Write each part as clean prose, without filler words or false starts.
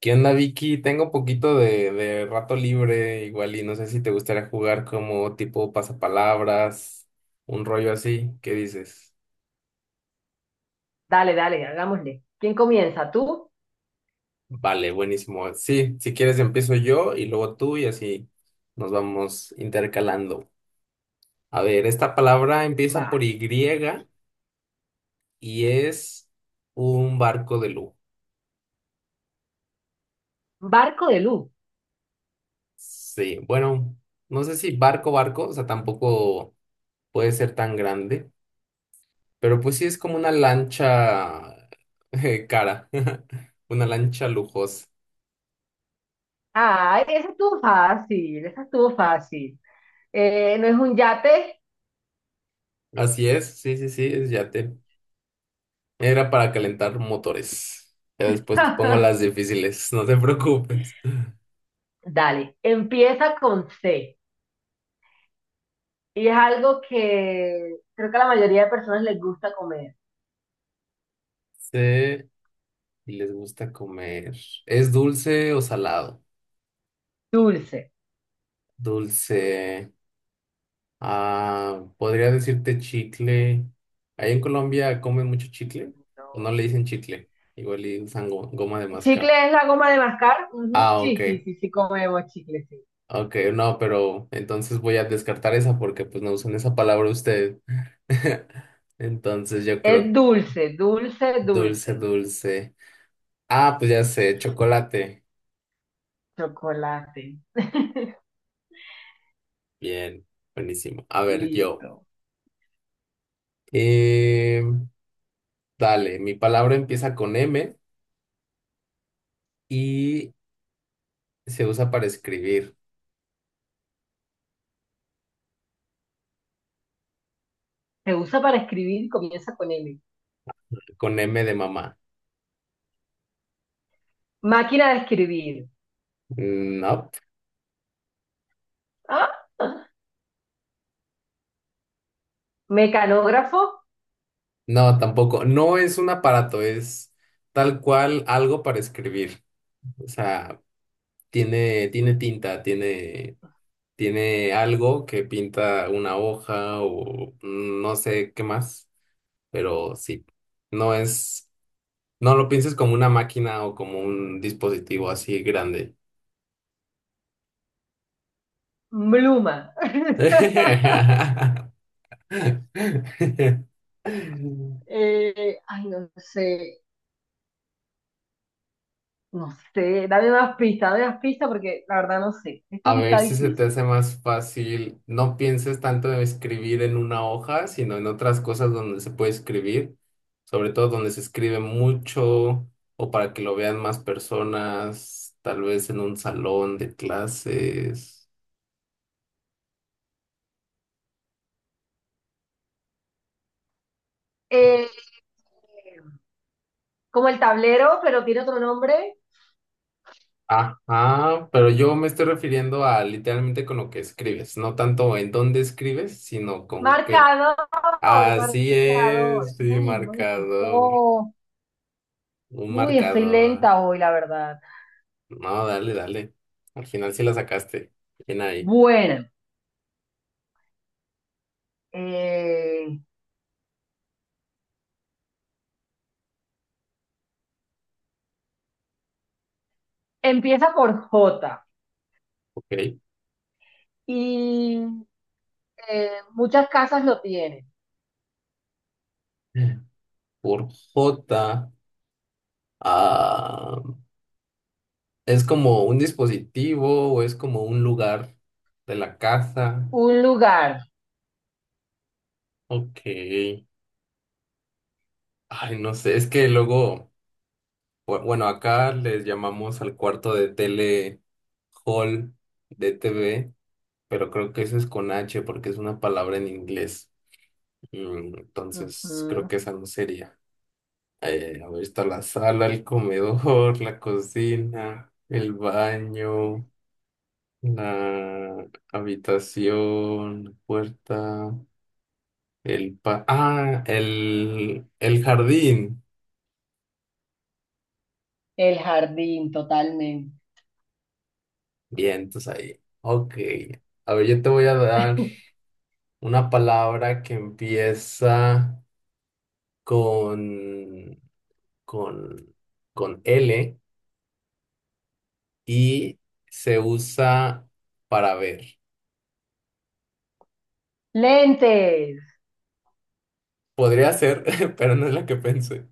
¿Qué onda, Vicky? Tengo un poquito de rato libre, igual, y no sé si te gustaría jugar como tipo pasapalabras, un rollo así. ¿Qué dices? Dale, dale, hagámosle. ¿Quién comienza? ¿Tú? Vale, buenísimo. Sí, si quieres empiezo yo y luego tú y así nos vamos intercalando. A ver, esta palabra empieza Va. por Y y es un barco de lujo. Barco de luz. Sí, bueno, no sé si barco, barco, o sea, tampoco puede ser tan grande. Pero pues sí es como una lancha cara, una lancha lujosa. Ah, esa estuvo fácil, esa estuvo fácil. ¿No es un yate? Así es, sí, sí, sí, es yate. Era para Mm. calentar motores. Ya después te pongo las difíciles, no te preocupes. Dale, empieza con C. Y es algo que creo que a la mayoría de personas les gusta comer. Sí y les gusta comer. ¿Es dulce o salado? Dulce. Dulce. Ah, podría decirte chicle. Ahí en Colombia comen mucho chicle, o no No. le dicen chicle, igual y usan goma de mascar. ¿Chicle es la goma de mascar? Ujú, Ah, ok. sí, sí, sí, sí comemos chicle, sí. Ok, no, pero entonces voy a descartar esa porque pues no usan esa palabra usted. Entonces yo Es creo dulce, dulce, dulce, dulce. dulce. Ah, pues ya sé, chocolate. Chocolate. Bien, buenísimo. A ver, yo. Listo. Eh, dale, mi palabra empieza con M y se usa para escribir Se usa para escribir y comienza con M. con M de mamá. Máquina de escribir. No, ¿Ah? Mecanógrafo, no, tampoco. No es un aparato, es tal cual algo para escribir. O sea, tiene tinta, tiene... Tiene algo que pinta una hoja o no sé qué más, pero sí, no es, no lo pienses como una máquina o como un dispositivo así grande. pluma. Ay, no sé, no sé. Dame más pistas porque la verdad no sé. Esta A sí ver está si se te difícil. hace más fácil, no pienses tanto en escribir en una hoja, sino en otras cosas donde se puede escribir, sobre todo donde se escribe mucho o para que lo vean más personas, tal vez en un salón de clases. Eh, Como el tablero, pero tiene otro nombre. Ajá, pero yo me estoy refiriendo a literalmente con lo que escribes, no tanto en dónde escribes, sino con qué. Marcador, Así marcador. es, sí, Ay, no me marcador, costó. un Uy, estoy marcador. lenta hoy, la verdad. No, dale, dale. Al final sí la sacaste. Bien ahí, Bueno, eh, empieza por J ok. y muchas casas lo tienen. Por J, ah, ¿es como un dispositivo o es como un lugar de la casa? Un lugar. Ok. Ay, no sé, es que luego, bueno, acá les llamamos al cuarto de tele hall de T V pero creo que eso es con H porque es una palabra en inglés. Mm, entonces, creo Ujú. que esa no sería. A ver, está la sala, el comedor, la cocina, el baño, la habitación, la puerta, el pa ah, el jardín. El jardín, totalmente. Bien, entonces ahí. Ok. A ver, yo te voy a dar una palabra que empieza con, con, con L y se usa para ver. Lentes, Podría ser, pero no es la que pensé.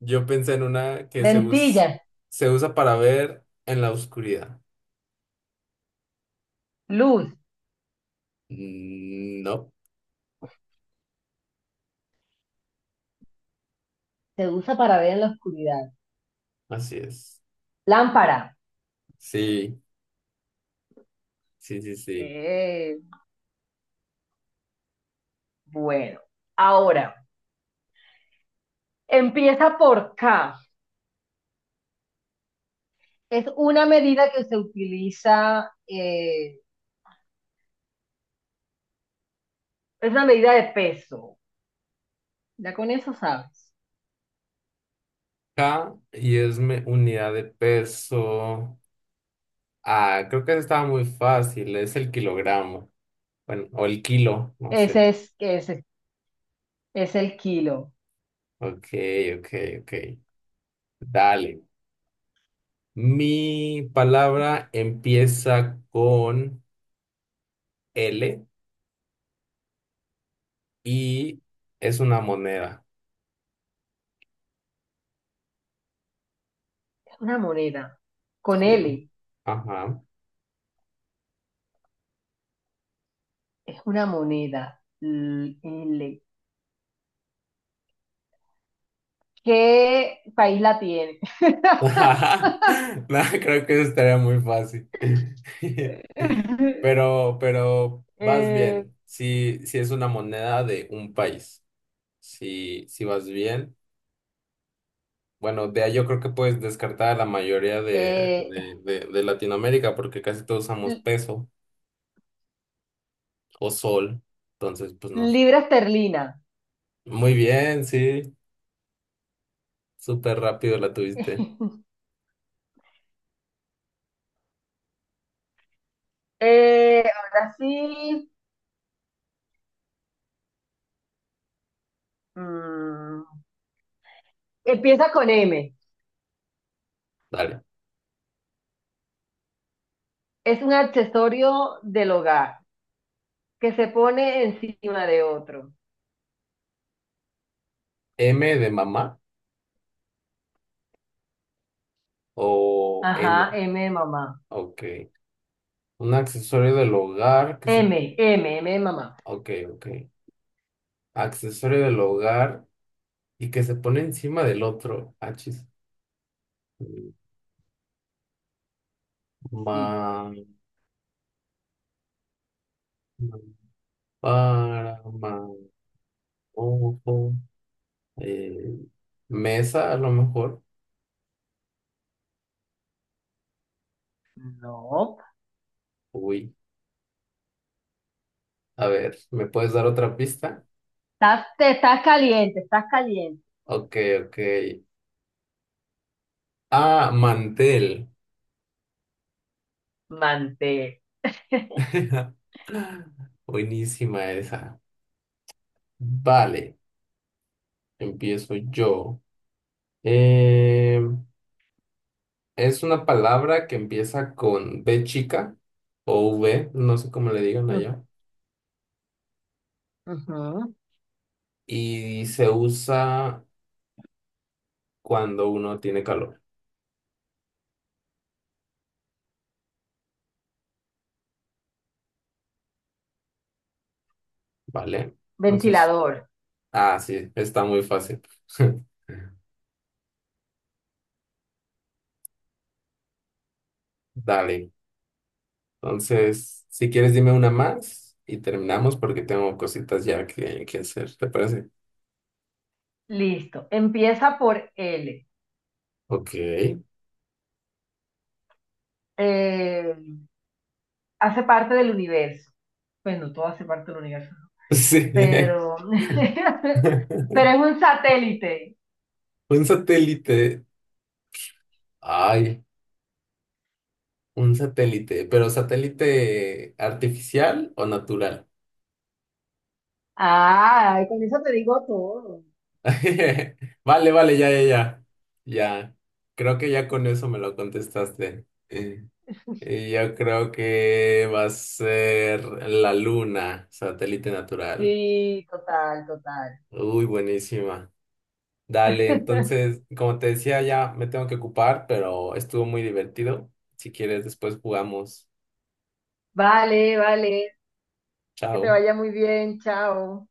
Yo pensé en una que lentillas, se usa para ver en la oscuridad. luz. No, Se usa para ver en la oscuridad. así es. Lámpara. Sí, sí, sí, sí. Eh, bueno, ahora, empieza por K. Es una medida que se utiliza, es una medida de peso. Ya con eso sabes. K y es unidad de peso. Ah, creo que esa estaba muy fácil. Es el kilogramo. Bueno, o el kilo, no sé. Ese es el kilo. Ok, ok, ok. Dale. Mi palabra empieza con L y es una moneda. Es una moneda. Con Sí. L. Ajá. Es una moneda. L. L. ¿Qué país la tiene? Ajá. No, creo que eso estaría muy fácil. Pero vas Eh, bien. Si, si es una moneda de un país. Si, si vas bien. Bueno, de ahí yo creo que puedes descartar a la mayoría eh, de Latinoamérica porque casi todos usamos li- peso o sol. Entonces, pues no. libra esterlina. Muy bien, sí. Súper rápido la tuviste. Ahora sí. Mm, empieza con M. Dale. Es un accesorio del hogar que se pone encima de otro. M de mamá o Ajá, N. M de mamá. Ok. Un accesorio del hogar que se M, M, M de mamá. Ok, ok. Accesorio del hogar y que se pone encima del otro. Achis. Sí. Ma, para, ma, ojo. Eh, mesa, a lo mejor. No, Uy, a ver, ¿me puedes dar otra pista? estás, te estás caliente, estás caliente. Ok, ok. Ah, mantel. Mantel. Buenísima esa. Vale, empiezo yo. Em, Es una palabra que empieza con B chica o V, no sé cómo le digan Ujú, allá, ujú. y se usa cuando uno tiene calor, ¿vale? Entonces, Ventilador. ah, sí, está muy fácil. Dale. Entonces, si quieres, dime una más y terminamos porque tengo cositas ya que hacer, ¿te parece? Listo. Empieza por L. Ok. Eh, hace parte del universo. Bueno, todo hace parte del universo, ¿no? Sí. Pero, pero es un satélite. Un satélite. Ay, un satélite, pero satélite artificial o natural. Ah, con eso te digo todo. Vale, vale, ya, ya, ya. Ya. Creo que ya con eso me lo contestaste. Y yo creo que va a ser la Luna, satélite natural. Sí, total, total. Uy, buenísima. Dale, entonces, como te decía, ya me tengo que ocupar, pero estuvo muy divertido. Si quieres, después jugamos. Vale, vale. Que te Chao. vaya muy bien. Chao.